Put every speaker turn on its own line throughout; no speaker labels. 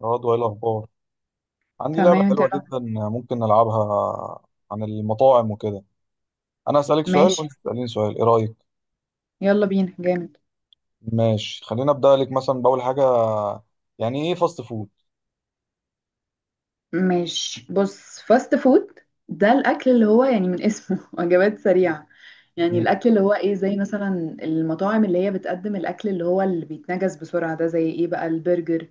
برضه ايه الاخبار؟ عندي لعبه
تمام، انت
حلوه
لا.
جدا، ممكن نلعبها؟ عن المطاعم وكده. انا اسالك سؤال
ماشي.
وانت تساليني سؤال، ايه رايك؟
يلا بينا جامد.
ماشي، خلينا ابدا لك مثلا باول حاجه. يعني ايه فاست فود؟
ماشي، بص فاست فود. ده الاكل اللي هو يعني من اسمه وجبات سريعه. يعني
مم.
الاكل اللي هو ايه، زي مثلا المطاعم اللي هي بتقدم الاكل اللي هو اللي بيتنجز بسرعه، ده زي ايه بقى؟ البرجر،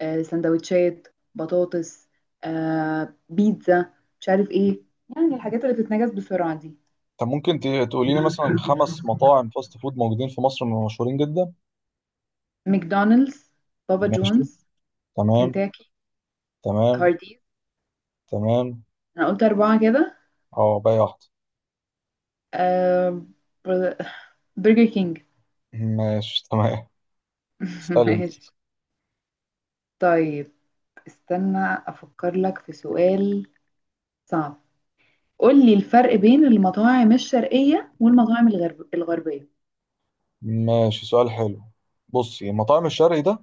سندوتشات، بطاطس، بيتزا، مش عارف ايه. يعني الحاجات اللي بتتنجز بسرعه دي.
طب ممكن تقولي لي مثلا 5 مطاعم فاست فود موجودين في مصر، مشهورين جدا.
ماكدونالدز، بابا
ماشي.
جونز،
تمام.
كنتاكي،
تمام.
هارديز.
تمام.
انا قلت اربعه كده.
اه، باقي واحده.
آه بر- برجر كينج.
ماشي تمام. اسالي.
ماشي. طيب، استنى افكر لك في سؤال صعب. قول لي الفرق بين المطاعم الشرقية والمطاعم الغربية.
ماشي، سؤال حلو. بصي، مطاعم الشرقي ده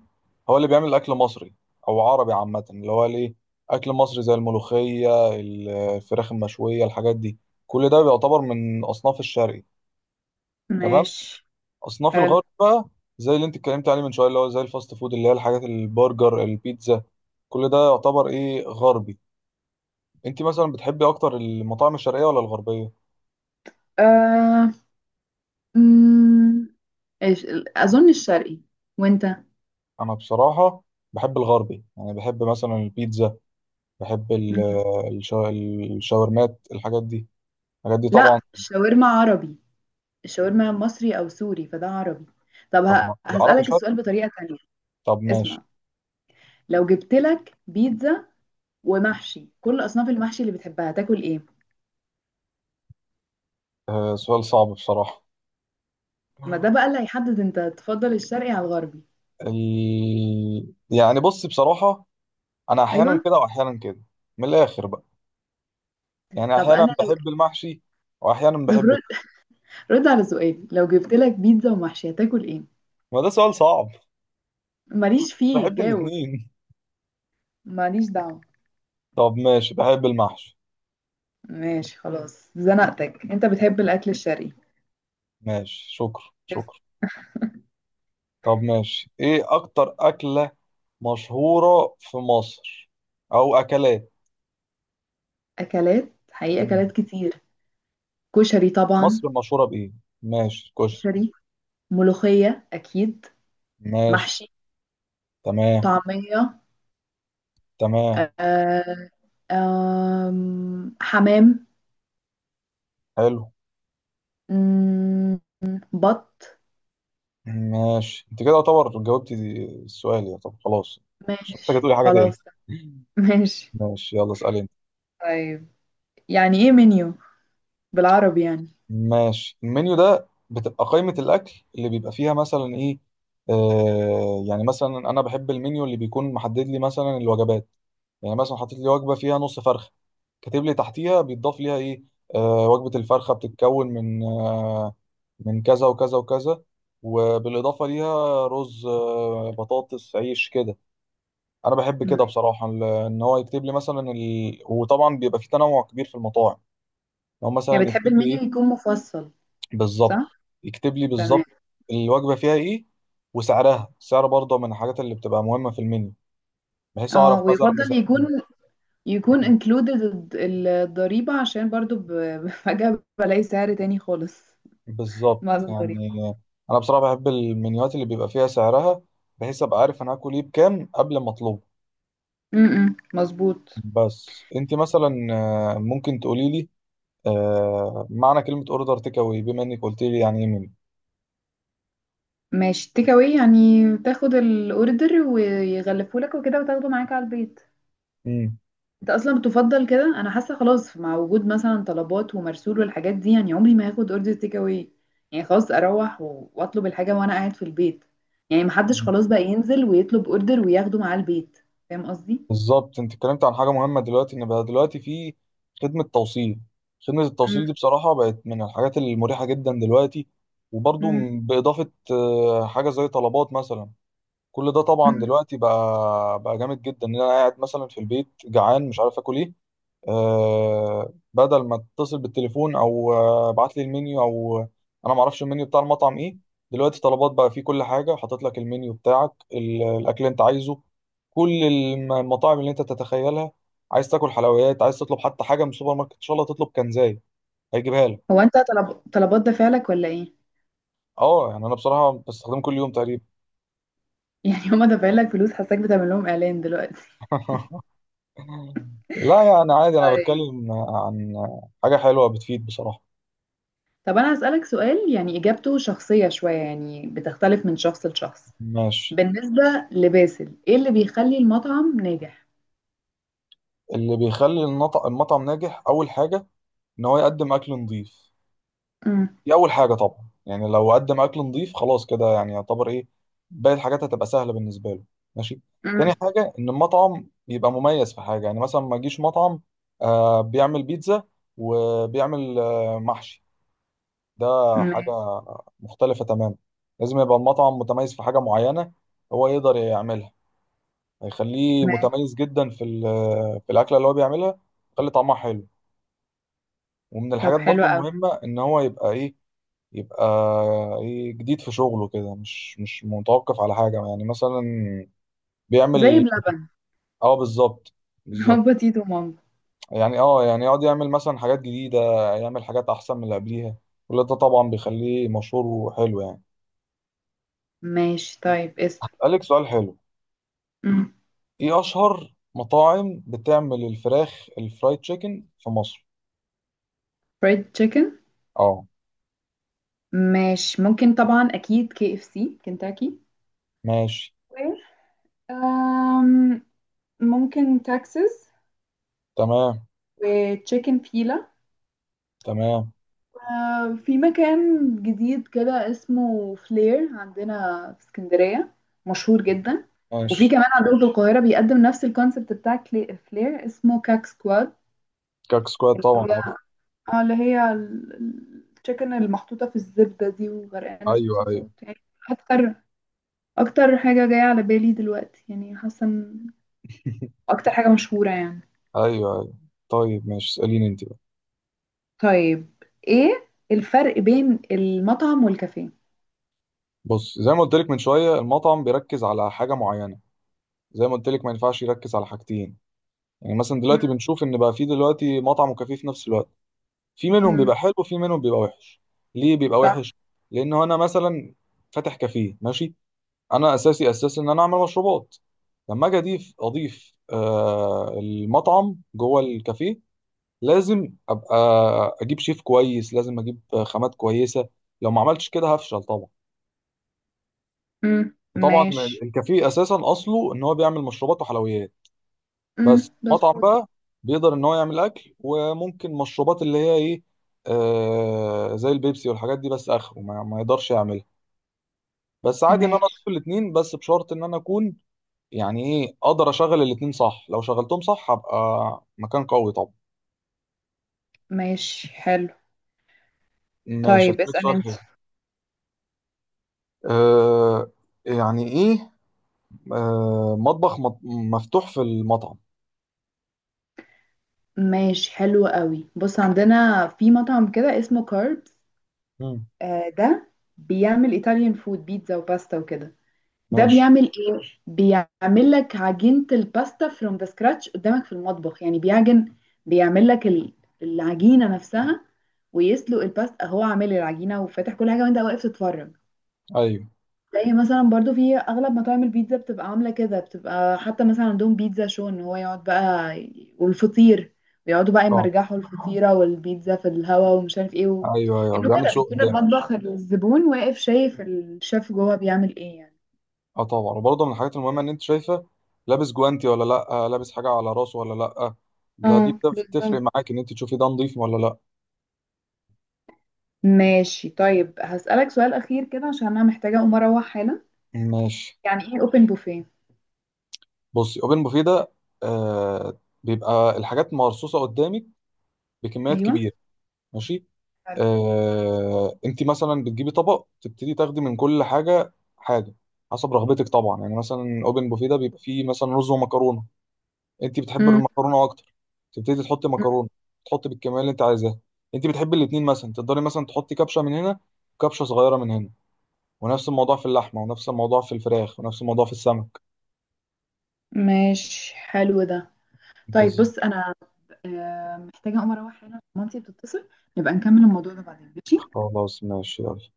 هو اللي بيعمل اكل مصري او عربي عامه، اللي هو ليه اكل مصري زي الملوخيه، الفراخ المشويه، الحاجات دي. كل ده بيعتبر من اصناف الشرقي. تمام.
ماشي
اصناف
حلو.
الغرب بقى زي اللي انت اتكلمت عليه من شويه، اللي هو زي الفاست فود، اللي هي الحاجات البرجر البيتزا، كل ده يعتبر ايه غربي. انت مثلا بتحبي اكتر المطاعم الشرقيه ولا الغربيه؟
آه... مم... اظن الشرقي. وانت؟
انا بصراحه بحب الغربي، يعني بحب مثلا البيتزا، بحب
مم.
الشا- الشاورمات، الحاجات دي، الحاجات دي طبعا.
لا، الشاورما عربي. الشاورما مصري او سوري، فده عربي. طب
طب ما العربي
هسألك
شرق.
السؤال بطريقة تانية.
طب ماشي.
اسمع، لو جبت لك بيتزا ومحشي، كل اصناف المحشي اللي بتحبها، تاكل ايه؟
آه، سؤال صعب بصراحة.
ما ده بقى اللي هيحدد انت تفضل الشرقي على الغربي.
يعني بص بصراحة، أنا أحيانا
ايوه.
كده وأحيانا كده. من الآخر بقى، يعني
طب
أحيانا
انا
بحب
لو
المحشي، وأحيانا
طب
بحب
رد على سؤالي، لو جبت لك بيتزا ومحشي هتاكل ايه؟
ما ده سؤال صعب.
ماليش فيه
بحب
جاوب.
الاتنين.
ماليش دعوه.
طب ماشي، بحب المحشي.
ماشي، خلاص زنقتك، انت بتحب الاكل الشرقي.
ماشي. شكرا
بس.
شكرا. طب ماشي، إيه أكتر أكلة مشهورة في مصر أو أكلات؟
اكلات، حقيقة اكلات كتير. كشري طبعا.
مصر مشهورة بإيه؟ ماشي كشري.
كشري. ملوخية اكيد.
ماشي.
محشي.
تمام.
طعمية.
تمام.
آه، آم، حمام.
حلو.
مم، بط.
ماشي، أنت كده يعتبر جاوبتي السؤال يا، طب خلاص. مش محتاجة
ماشي
تقولي حاجة تاني.
خلاص. ماشي.
ماشي، يلا اسألي أنت.
طيب، يعني ايه منيو؟ بالعربي يعني.
ماشي، المنيو ده بتبقى قائمة الأكل اللي بيبقى فيها مثلا إيه. آه، يعني مثلا أنا بحب المنيو اللي بيكون محدد لي مثلا الوجبات. يعني مثلا حاطط لي وجبة فيها نص فرخة، كاتب لي تحتيها بيتضاف ليها إيه. وجبة الفرخة بتتكون من من كذا وكذا وكذا، وبالإضافة ليها رز، بطاطس، عيش كده. أنا بحب
مم.
كده بصراحة، إن هو يكتب لي مثلا وطبعا بيبقى في تنوع كبير في المطاعم. لو
يعني
مثلا
بتحب
يكتب لي
المنيو
إيه
يكون مفصل.
بالظبط،
صح.
يكتب لي
تمام.
بالظبط الوجبة فيها إيه وسعرها. السعر برضه من الحاجات اللي بتبقى مهمة في المنيو، بحيث أعرف
اه،
مثلا
ويفضل يكون included الضريبة، عشان برضو فجأة بلاقي سعر تاني خالص
بالظبط.
بعد
يعني
الضريبة.
أنا بصراحة بحب المنيوات اللي بيبقى فيها سعرها، بحيث أبقى عارف أنا هاكل إيه بكام قبل ما أطلبه.
مظبوط.
بس انت مثلا، ممكن تقولي لي معنى كلمة اوردر تيك اواي، بما انك قلت لي يعني ايه من.
ماشي، تيك اواي يعني تاخد الاوردر ويغلفهولك وكده وتاخده معاك على البيت.
مم.
انت اصلا بتفضل كده؟ انا حاسه خلاص مع وجود مثلا طلبات ومرسول والحاجات دي، يعني عمري ما هاخد اوردر تيك اواي. يعني خلاص اروح واطلب الحاجه وانا قاعد في البيت. يعني محدش خلاص بقى ينزل ويطلب اوردر وياخده معاه البيت. فاهم قصدي؟
بالظبط. انت اتكلمت عن حاجة مهمة دلوقتي، ان بقى دلوقتي في خدمة توصيل. خدمة التوصيل
مم.
دي بصراحة بقت من الحاجات المريحة جدا دلوقتي. وبرضو
مم.
بإضافة حاجة زي طلبات مثلا، كل ده طبعا
مم.
دلوقتي بقى جامد جدا، ان انا قاعد مثلا في البيت جعان مش عارف اكل ايه. بدل ما اتصل بالتليفون او ابعت لي المنيو او انا ما اعرفش المنيو بتاع المطعم ايه، دلوقتي طلبات بقى فيه كل حاجه، حاطط لك المنيو بتاعك، الاكل اللي انت عايزه، كل المطاعم اللي انت تتخيلها. عايز تاكل حلويات، عايز تطلب حتى حاجه من السوبر ماركت، ان شاء الله تطلب كنزاي هيجيبها لك.
هو انت طلبات دافع لك ولا ايه؟
اه يعني انا بصراحه بستخدمه كل يوم تقريبا.
يعني هما دافعين لك فلوس؟ حاساك بتعمل لهم اعلان دلوقتي.
لا يعني عادي، انا
طيب.
بتكلم عن حاجه حلوه بتفيد بصراحه.
طب انا هسألك سؤال، يعني اجابته شخصيه شويه، يعني بتختلف من شخص لشخص.
ماشي.
بالنسبه لباسل، ايه اللي بيخلي المطعم ناجح؟
اللي بيخلي المطعم ناجح اول حاجه ان هو يقدم اكل نظيف. دي اول حاجه طبعا، يعني لو قدم اكل نظيف خلاص كده يعني يعتبر ايه، باقي الحاجات هتبقى سهله بالنسبه له. ماشي. تاني
امم.
حاجه، ان المطعم يبقى مميز في حاجه. يعني مثلا ما يجيش مطعم بيعمل بيتزا وبيعمل محشي، ده
ماشي.
حاجه مختلفه تماما. لازم يبقى المطعم متميز في حاجه معينه، هو يقدر يعملها، هيخليه
ماشي.
متميز جدا في في الاكله اللي هو بيعملها، يخلي طعمها حلو. ومن
طب
الحاجات
حلو
برضو
قوي.
المهمة ان هو يبقى ايه، يبقى ايه جديد في شغله كده، مش متوقف على حاجة. يعني مثلا
زي
بيعمل
بلبن.
اه بالظبط. بالظبط
هو تيتو مامبا.
يعني اه، يعني يقعد يعمل مثلا حاجات جديدة، يعمل حاجات احسن من اللي قبليها، كل ده طبعا بيخليه مشهور وحلو يعني.
ماشي، طيب اسأل.
قالك سؤال حلو.
امم
ايه اشهر مطاعم بتعمل الفراخ الفرايد تشيكن في مصر؟
فريد تشيكن.
اه.
ماشي، ممكن طبعا اكيد كي اف سي، كنتاكي.
ماشي.
و أم، ممكن تكساس.
تمام.
وتشيكن فيلا.
تمام.
في مكان جديد كده اسمه فلير عندنا في اسكندرية، مشهور جدا. وفي
ماشي.
كمان عندهم في القاهرة بيقدم نفس الكونسبت بتاع فلير، اسمه كاك سكواد.
كاك سكواد طبعا عارف.
اه، اللي هي التشيكن المحطوطة في الزبدة دي وغرقانة
ايوه ايوه.
صوصات يعني. أكتر أكتر حاجة جاية على بالي دلوقتي، يعني حاسة إن أكتر حاجة مشهورة يعني.
ايوه ايوه. طيب، ماشي. اساليني انت بقى.
طيب، إيه الفرق بين المطعم والكافيه؟
بص، زي ما قلت لك من شويه المطعم بيركز على حاجه معينه، زي ما قلت لك ما ينفعش يركز على حاجتين. يعني مثلا
مم.
دلوقتي بنشوف ان بقى في دلوقتي مطعم وكافيه في نفس الوقت، في منهم
مم.
بيبقى حلو وفي منهم بيبقى وحش. ليه بيبقى
صح.
وحش؟ لان انا مثلا فاتح كافيه، ماشي، انا اساسي اساسي ان انا اعمل مشروبات. لما اجي اضيف المطعم جوه الكافيه، لازم ابقى اجيب شيف كويس، لازم اجيب خامات كويسه. لو ما عملتش كده هفشل طبعا.
مم.
طبعا
ماشي.
الكافيه اساسا اصله ان هو بيعمل مشروبات وحلويات.
مم.
بس مطعم
مظبوط.
بقى بيقدر ان هو يعمل اكل وممكن مشروبات، اللي هي ايه زي البيبسي والحاجات دي، بس اخره ما يقدرش يعملها. بس عادي ان انا اكل
ماشي.
الاثنين، بس بشرط ان انا اكون يعني ايه اقدر اشغل الاثنين صح. لو شغلتهم صح هبقى مكان قوي طبعا.
ماشي حلو.
ماشي
طيب
هسألك
اسأل
سؤال
انت.
حلو. آه يعني ايه مطبخ مفتوح في المطعم؟
ماشي حلو قوي. بص، عندنا في مطعم كده اسمه كاربس.
مم.
ده بيعمل ايطاليان فود، بيتزا وباستا وكده. ده
ماشي.
بيعمل ايه؟ بيعمل لك عجينة الباستا from the scratch قدامك في المطبخ، يعني بيعجن. بيعمل لك العجينة نفسها، ويسلق الباستا. هو عامل العجينة وفاتح كل حاجة وانت واقف تتفرج.
ايوه
زي مثلا برضو في اغلب مطاعم البيتزا بتبقى عاملة كده، بتبقى حتى مثلا عندهم بيتزا شو، ان هو يقعد بقى والفطير. بيقعدوا بقى
اه
يمرجحوا الفطيرة والبيتزا في الهوا ومش عارف ايه
ايوه ايوه
انه
بيعمل
كده
شغل.
بيكون المطبخ، الزبون واقف شايف الشيف جوه بيعمل ايه يعني.
اه طبعا، وبرضه من الحاجات المهمه ان انت شايفه لابس جوانتي ولا لا، لابس حاجه على راسه ولا لا. دي
اه
بتفرق
بالظبط.
معاك ان انت تشوفي ده نظيف ولا لا.
ماشي، طيب هسألك سؤال أخير كده عشان أنا محتاجة أقوم أروح حالا.
ماشي.
يعني إيه أوبن بوفيه؟
بصي، اوبن بوفيه ده بيبقى الحاجات مرصوصه قدامك بكميات
أيوه.
كبيره. ماشي.
حلو.
آه، انت مثلا بتجيبي طبق تبتدي تاخدي من كل حاجه حاجه، حسب رغبتك طبعا. يعني مثلا اوبن بوفيه ده بيبقى فيه مثلا رز ومكرونه، انت بتحب
مم.
المكرونه اكتر تبتدي تحطي
مم.
مكرونه، تحطي بالكميه اللي انت عايزاها. انت بتحبي الاتنين، مثلا تقدري مثلا تحطي كبشه من هنا وكبشه صغيره من هنا، ونفس الموضوع في اللحمه ونفس الموضوع في الفراخ ونفس الموضوع في السمك.
ماشي حلو ده. طيب،
بس.
بص أنا محتاجة أقوم أروح حالا عشان مامتي بتتصل. نبقى نكمل الموضوع ده بعدين، ماشي.
خلاص ماشي يلا.